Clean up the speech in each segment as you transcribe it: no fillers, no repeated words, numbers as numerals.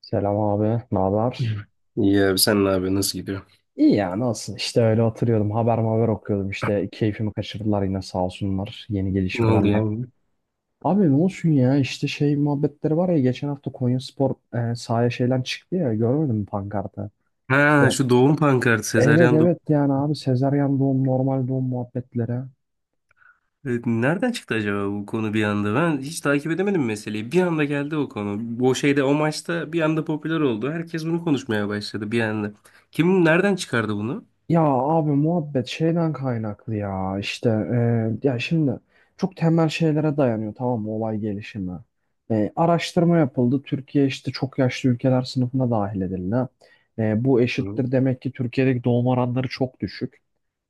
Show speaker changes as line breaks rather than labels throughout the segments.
Selam abi, ne haber?
İyi abi sen ne yapıyorsun? Nasıl gidiyor?
İyi ya nasıl? İşte öyle oturuyordum, haber haber okuyordum. İşte keyfimi kaçırdılar yine sağ olsunlar yeni
Ne oldu
gelişmelerle.
ya?
Abi ne olsun ya işte şey muhabbetleri var ya geçen hafta Konyaspor sahaya şeyden çıktı ya görmedin mi pankartı?
Ha
İşte
şu doğum pankartı.
evet
Sezaryen doğum.
evet yani abi sezaryen doğum normal doğum muhabbetlere.
Nereden çıktı acaba bu konu bir anda? Ben hiç takip edemedim meseleyi. Bir anda geldi o konu. O şeyde o maçta bir anda popüler oldu. Herkes bunu konuşmaya başladı bir anda. Kim nereden çıkardı bunu?
Ya abi muhabbet şeyden kaynaklı ya işte ya şimdi çok temel şeylere dayanıyor tamam mı olay gelişimi. Araştırma yapıldı Türkiye işte çok yaşlı ülkeler sınıfına dahil edildi. Bu
Hı.
eşittir demek ki Türkiye'deki doğum oranları çok düşük.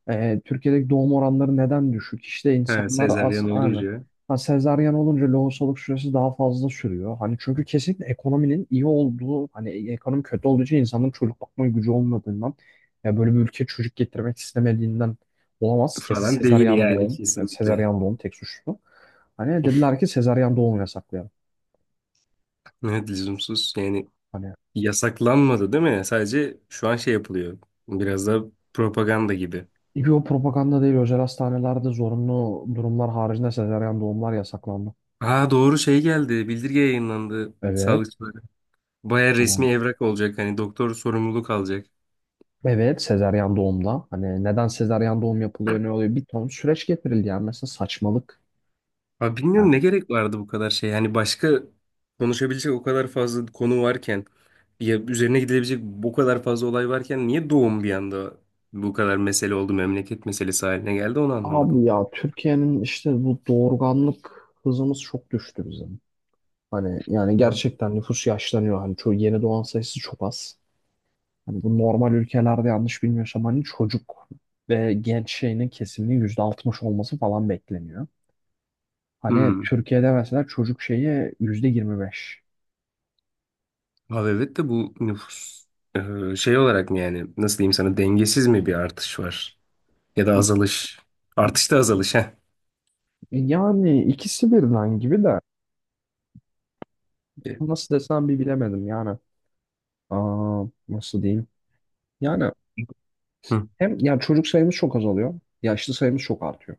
Türkiye'deki doğum oranları neden düşük? İşte
Ha,
insanlar
sezaryen
aslında aynı.
olunca
Ha, sezaryen olunca lohusalık süresi daha fazla sürüyor. Hani çünkü kesinlikle ekonominin iyi olduğu, hani ekonomi kötü olduğu için insanların çocuk bakma gücü olmadığından, ya böyle bir ülke çocuk getirmek istemediğinden olamaz. Kesin
falan değil
sezaryen
yani
doğum, yani
kesinlikle.
sezaryen doğum tek suçlu. Hani dediler ki sezaryen doğum yasaklayalım.
Evet, lüzumsuz. Yani
Hani
yasaklanmadı değil mi? Sadece şu an şey yapılıyor. Biraz da propaganda gibi.
bir o propaganda değil, özel hastanelerde zorunlu durumlar haricinde sezaryen doğumlar yasaklandı.
Ha, doğru şey geldi. Bildirge yayınlandı
Evet.
sağlıkçılara. Baya resmi evrak olacak. Hani doktor sorumluluk alacak.
Evet, sezaryen doğumda. Hani neden sezaryen doğum yapılıyor, ne oluyor? Bir ton süreç getirildi yani. Mesela saçmalık.
Abi
Yani.
bilmiyorum ne gerek vardı bu kadar şey. Yani başka konuşabilecek o kadar fazla konu varken, ya üzerine gidilebilecek o kadar fazla olay varken niye doğum bir anda bu kadar mesele oldu, memleket meselesi haline geldi, onu
Abi
anlamadım.
ya Türkiye'nin işte bu doğurganlık hızımız çok düştü bizim. Hani yani
Hı.
gerçekten nüfus yaşlanıyor. Hani çoğu yeni doğan sayısı çok az. Hani bu normal ülkelerde yanlış bilmiyorsam hani çocuk ve genç şeyinin kesiminin %60 olması falan bekleniyor. Hani
Hmm.
Türkiye'de mesela çocuk şeyi %25.
Abi evet de bu nüfus şey olarak mı, yani nasıl diyeyim sana, dengesiz mi bir artış var? Ya da azalış. Artışta azalış
Yani ikisi birden gibi de. Nasıl desem bir bilemedim yani. Nasıl diyeyim? Yani
ha.
hem ya çocuk sayımız çok azalıyor. Yaşlı sayımız çok artıyor.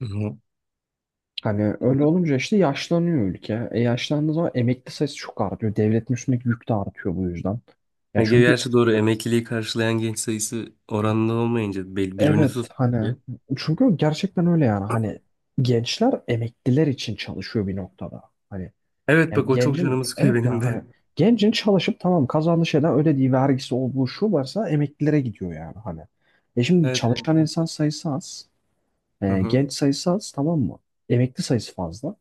Hı hı.
Hani öyle olunca işte yaşlanıyor ülke. E yaşlandığı zaman emekli sayısı çok artıyor. Devletin üstündeki yük de artıyor bu yüzden. Ya
Ya
çünkü
gerçi doğru, emekliliği karşılayan genç sayısı oranlı olmayınca birbirini
evet hani
tutmuyor.
çünkü gerçekten öyle yani. Hani gençler emekliler için çalışıyor bir noktada. Hani
Evet,
ya
bak o çok
gencin
canımı sıkıyor
evet
benim
ya hani
de.
gencin çalışıp tamam kazandığı şeyden ödediği vergisi olduğu şu varsa emeklilere gidiyor yani hani. E şimdi
Evet,
çalışan
evet.
insan sayısı az.
Hı hı.
Genç sayısı az tamam mı? Emekli sayısı fazla.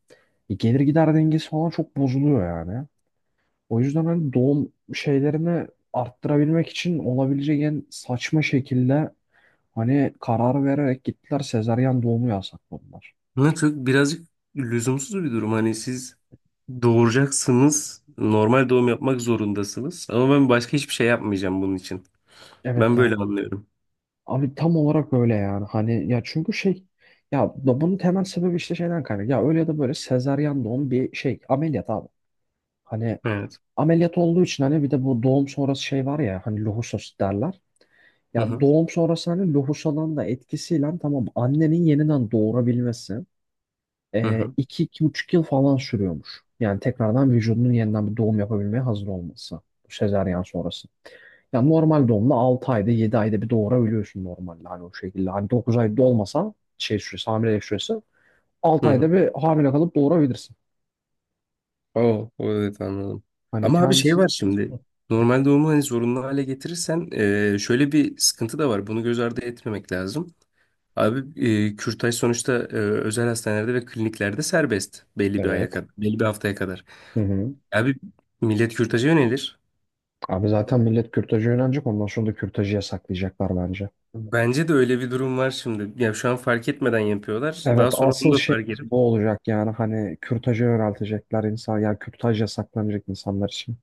Gelir gider dengesi falan çok bozuluyor yani. O yüzden hani doğum şeylerini arttırabilmek için olabilecek en saçma şekilde hani karar vererek gittiler sezaryen doğumu yasakladılar.
Ne çok, birazcık lüzumsuz bir durum. Hani siz doğuracaksınız. Normal doğum yapmak zorundasınız. Ama ben başka hiçbir şey yapmayacağım bunun için.
Evet.
Ben böyle anlıyorum.
Abi tam olarak böyle yani. Hani ya çünkü şey ya bunun temel sebebi işte şeyden kaynak. Ya öyle ya da böyle sezaryen doğum bir şey ameliyat abi. Hani
Evet.
ameliyat olduğu için hani bir de bu doğum sonrası şey var ya hani lohusa derler.
Hı
Ya
hı.
doğum sonrası hani lohusadan da etkisiyle tamam annenin yeniden doğurabilmesi
Hı hı.
iki, 2,5 yıl falan sürüyormuş. Yani tekrardan vücudunun yeniden bir doğum yapabilmeye hazır olması. Bu sezaryen sonrası. Yani normal doğumda 6 ayda 7 ayda bir doğurabiliyorsun normalde hani o şekilde. Hani 9 ayda olmasa, şey süresi hamilelik süresi 6
Hı
ayda
hı.
bir hamile kalıp doğurabilirsin.
Oh, evet, anladım.
Hani
Ama abi şey
kendisi.
var şimdi.
Hı.
Normal doğumu hani zorunlu hale getirirsen, şöyle bir sıkıntı da var. Bunu göz ardı etmemek lazım. Abi kürtaj sonuçta, özel hastanelerde ve kliniklerde serbest belli bir
Evet.
aya kadar, belli bir haftaya kadar.
Hı hı.
Abi millet kürtaja yönelir.
Abi zaten millet kürtaja yönelecek ondan sonra da kürtajı yasaklayacaklar bence.
Bence de öyle bir durum var şimdi. Ya şu an fark etmeden yapıyorlar.
Evet
Daha sonra bunu
asıl
da fark
şeyimiz
edip
bu olacak yani hani kürtaja yöneltecekler insan yani kürtaj yasaklanacak insanlar için.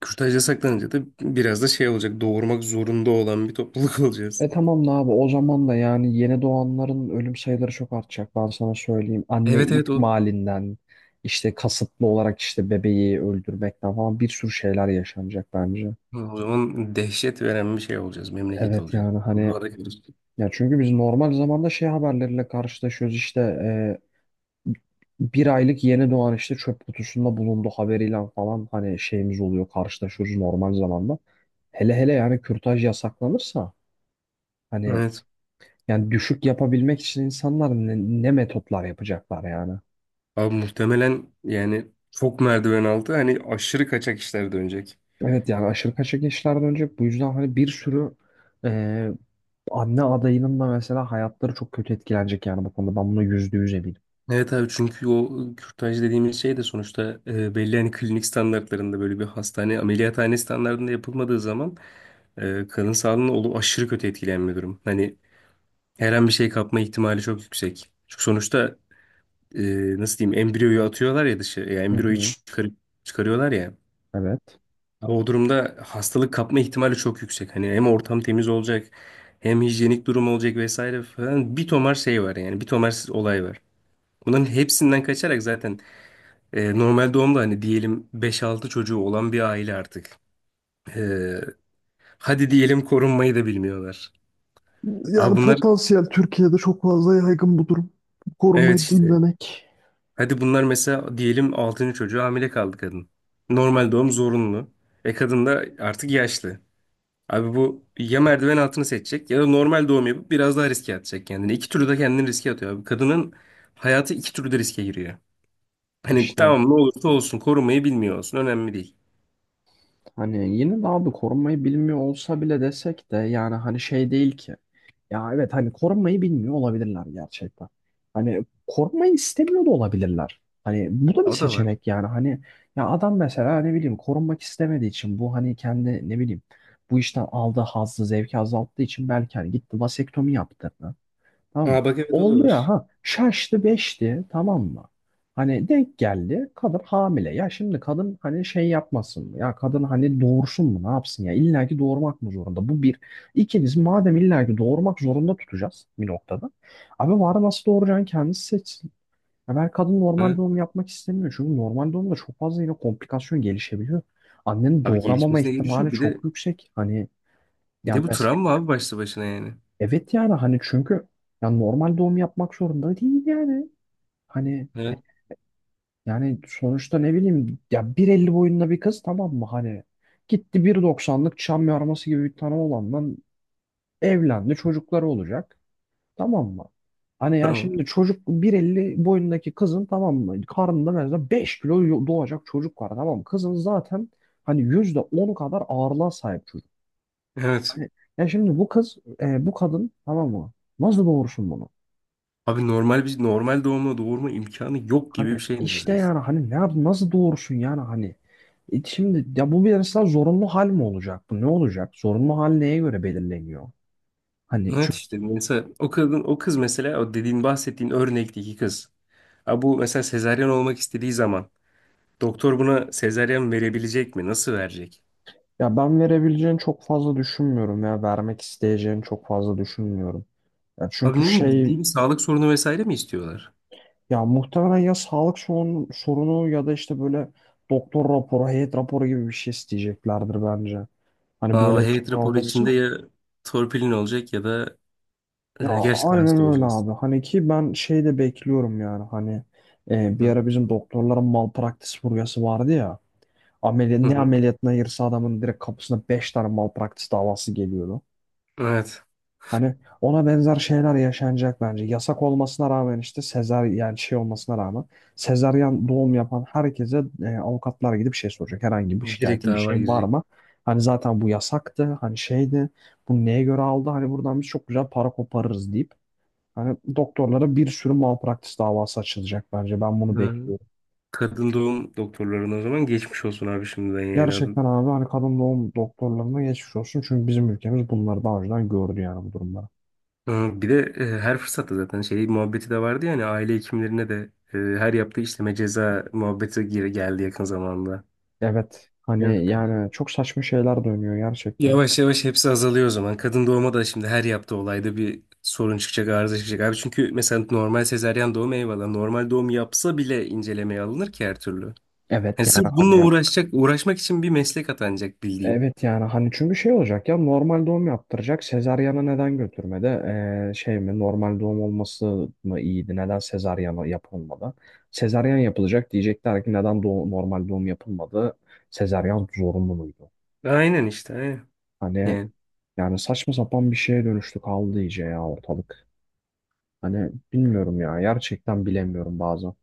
kürtaja saklanınca da biraz da şey olacak. Doğurmak zorunda olan bir topluluk olacağız.
E tamam da abi o zaman da yani yeni doğanların ölüm sayıları çok artacak ben sana söyleyeyim. Anne
Evet, evet o.
ihmalinden işte kasıtlı olarak işte bebeği öldürmekten falan bir sürü şeyler yaşanacak bence.
O zaman dehşet veren bir şey olacağız. Memleket
Evet
olacağız.
yani hani
Duvara kalırız.
ya çünkü biz normal zamanda şey haberleriyle karşılaşıyoruz işte bir aylık yeni doğan işte çöp kutusunda bulundu haberiyle falan hani şeyimiz oluyor karşılaşıyoruz normal zamanda. Hele hele yani kürtaj yasaklanırsa hani.
Evet.
Yani düşük yapabilmek için insanlar ne metotlar yapacaklar yani.
Abi muhtemelen yani çok merdiven altı, hani aşırı kaçak işler dönecek.
Evet yani aşırı kaçak işler dönecek. Bu yüzden hani bir sürü e, anne adayının da mesela hayatları çok kötü etkilenecek yani bu konuda. Ben buna %100 eminim.
Evet abi, çünkü o kürtaj dediğimiz şey de sonuçta, belli hani klinik standartlarında, böyle bir hastane ameliyathane standartında yapılmadığı zaman kadın sağlığına aşırı kötü etkileyen bir durum. Hani her an bir şey kapma ihtimali çok yüksek. Çünkü sonuçta, e, nasıl diyeyim, embriyoyu atıyorlar ya dışı. Ya
Hı
embriyoyu
hı.
çıkarıyorlar ya.
Evet.
Ama o durumda hastalık kapma ihtimali çok yüksek. Hani hem ortam temiz olacak, hem hijyenik durum olacak vesaire falan. Bir tomar şey var yani, bir tomar olay var. Bunların hepsinden kaçarak zaten, normal doğumda hani diyelim beş altı çocuğu olan bir aile artık. E, Hadi diyelim korunmayı da bilmiyorlar. Abi bunlar
Fazla yaygın bu durum.
evet,
Korumayı
işte.
bilmemek.
Hadi bunlar mesela diyelim altıncı çocuğu hamile kaldı kadın. Normal doğum zorunlu. E kadın da artık yaşlı. Abi bu ya merdiven altını seçecek ya da normal doğum yapıp biraz daha riske atacak kendini. İki türlü de kendini riske atıyor abi. Kadının hayatı iki türlü de riske giriyor. Hani
İşte
tamam, ne olursa olsun korumayı bilmiyor olsun, önemli değil.
hani yine de abi korunmayı bilmiyor olsa bile desek de yani hani şey değil ki. Ya evet hani korunmayı bilmiyor olabilirler gerçekten. Hani korunmayı istemiyor da olabilirler. Hani bu da bir
O da var.
seçenek yani hani ya adam mesela ne bileyim korunmak istemediği için bu hani kendi ne bileyim bu işten aldığı hazzı zevki azalttığı için belki hani gitti vasektomi yaptı. Tamam mı?
Ha bak, evet, o da
Oldu
var.
ya ha şaştı beşti tamam mı? Hani denk geldi kadın hamile. Ya şimdi kadın hani şey yapmasın mı? Ya kadın hani doğursun mu? Ne yapsın ya? İlla ki doğurmak mı zorunda? Bu bir. İkincisi madem illa ki doğurmak zorunda tutacağız bir noktada. Abi var nasıl doğuracağını kendisi seçsin. Ya ben kadın normal
Ha?
doğum yapmak istemiyor. Çünkü normal doğumda çok fazla yine komplikasyon gelişebiliyor. Annenin
Abi
doğuramama
gelişmesine
ihtimali
gelişiyor. Bir
çok
de
yüksek. Hani yani
bu
mes-
travma abi başlı başına yani.
Evet yani hani çünkü ya normal doğum yapmak zorunda değil yani. Hani
Evet.
yani sonuçta ne bileyim ya 1.50 boyunda bir kız tamam mı hani gitti 1.90'lık çam yarması gibi bir tane olandan evlendi çocukları olacak tamam mı? Hani ya
Tamam.
şimdi çocuk 1.50 boyundaki kızın tamam mı karnında mesela 5 kilo doğacak çocuk var tamam mı? Kızın zaten hani %10 kadar ağırlığa sahip çocuk.
Evet.
Hani ya şimdi bu kız bu kadın tamam mı? Nasıl doğursun bunu?
Abi normal bir, normal doğumla doğurma imkanı yok gibi bir
Hani
şey
işte
neredeyiz.
yani hani ne yap nasıl doğursun yani hani. E şimdi ya bu bir mesela zorunlu hal mi olacak bu ne olacak zorunlu hal neye göre belirleniyor hani
Evet
çünkü
işte, mesela o kadın, o kız, mesela o dediğin bahsettiğin örnekteki kız. Abi bu mesela sezaryen olmak istediği zaman doktor buna sezaryen verebilecek mi? Nasıl verecek?
ya ben verebileceğini çok fazla düşünmüyorum ya vermek isteyeceğini çok fazla düşünmüyorum ya
Abi
çünkü
ne bileyim,
şey
ciddi bir sağlık sorunu vesaire mi istiyorlar?
ya muhtemelen ya sağlık sorunu ya da işte böyle doktor raporu heyet raporu gibi bir şey isteyeceklerdir bence hani böyle
Aa,
bir
heyet
şeyin
raporu
olması
içinde
için.
ya torpilin olacak ya da
Ya
gerçekten
aynen
hasta
öyle
olacaksın.
abi. Hani ki ben şey de bekliyorum yani hani bir
Hı.
ara bizim doktorların malpraktis furyası vardı ya. Ameliyat,
Hı
ne
hı.
ameliyatına girse adamın direkt kapısına 5 tane malpraktis davası geliyordu.
Evet.
Hani ona benzer şeyler yaşanacak bence. Yasak olmasına rağmen işte yani şey olmasına rağmen sezaryen doğum yapan herkese avukatlar gidip şey soracak. Herhangi bir
Direkt
şikayetin bir
dava
şeyin var
girecek.
mı? Hani zaten bu yasaktı. Hani şeydi. Bu neye göre aldı? Hani buradan biz çok güzel para koparırız deyip hani doktorlara bir sürü malpraktis davası açılacak bence. Ben bunu
Hı.
bekliyorum.
Kadın doğum doktorlarına o zaman geçmiş olsun abi, şimdiden yani adım.
Gerçekten abi hani kadın doğum doktorlarına geçmiş olsun. Çünkü bizim ülkemiz bunları daha önceden gördü yani bu durumları.
Hı, bir de her fırsatta zaten şey muhabbeti de vardı yani, aile hekimlerine de her yaptığı işleme ceza muhabbeti geri geldi yakın zamanda.
Evet hani yani çok saçma şeyler dönüyor gerçekten.
Yavaş yavaş hepsi azalıyor o zaman. Kadın doğuma da şimdi her yaptığı olayda bir sorun çıkacak, arıza çıkacak. Abi çünkü mesela normal sezaryen doğum eyvallah. Normal doğum yapsa bile incelemeye alınır ki her türlü.
Evet
Hani
yani
sırf bununla
hani
uğraşacak, uğraşmak için bir meslek atanacak bildiğin.
evet yani hani çünkü şey olacak ya normal doğum yaptıracak. Sezaryana neden götürmedi? Şey mi normal doğum olması mı iyiydi? Neden sezaryana yapılmadı? Sezaryen yapılacak diyecekler ki neden normal doğum yapılmadı? Sezaryen zorunlu muydu?
Aynen işte. Aynen.
Hani yani saçma sapan bir şeye dönüştü kaldı iyice ya ortalık. Hani bilmiyorum ya gerçekten bilemiyorum bazen.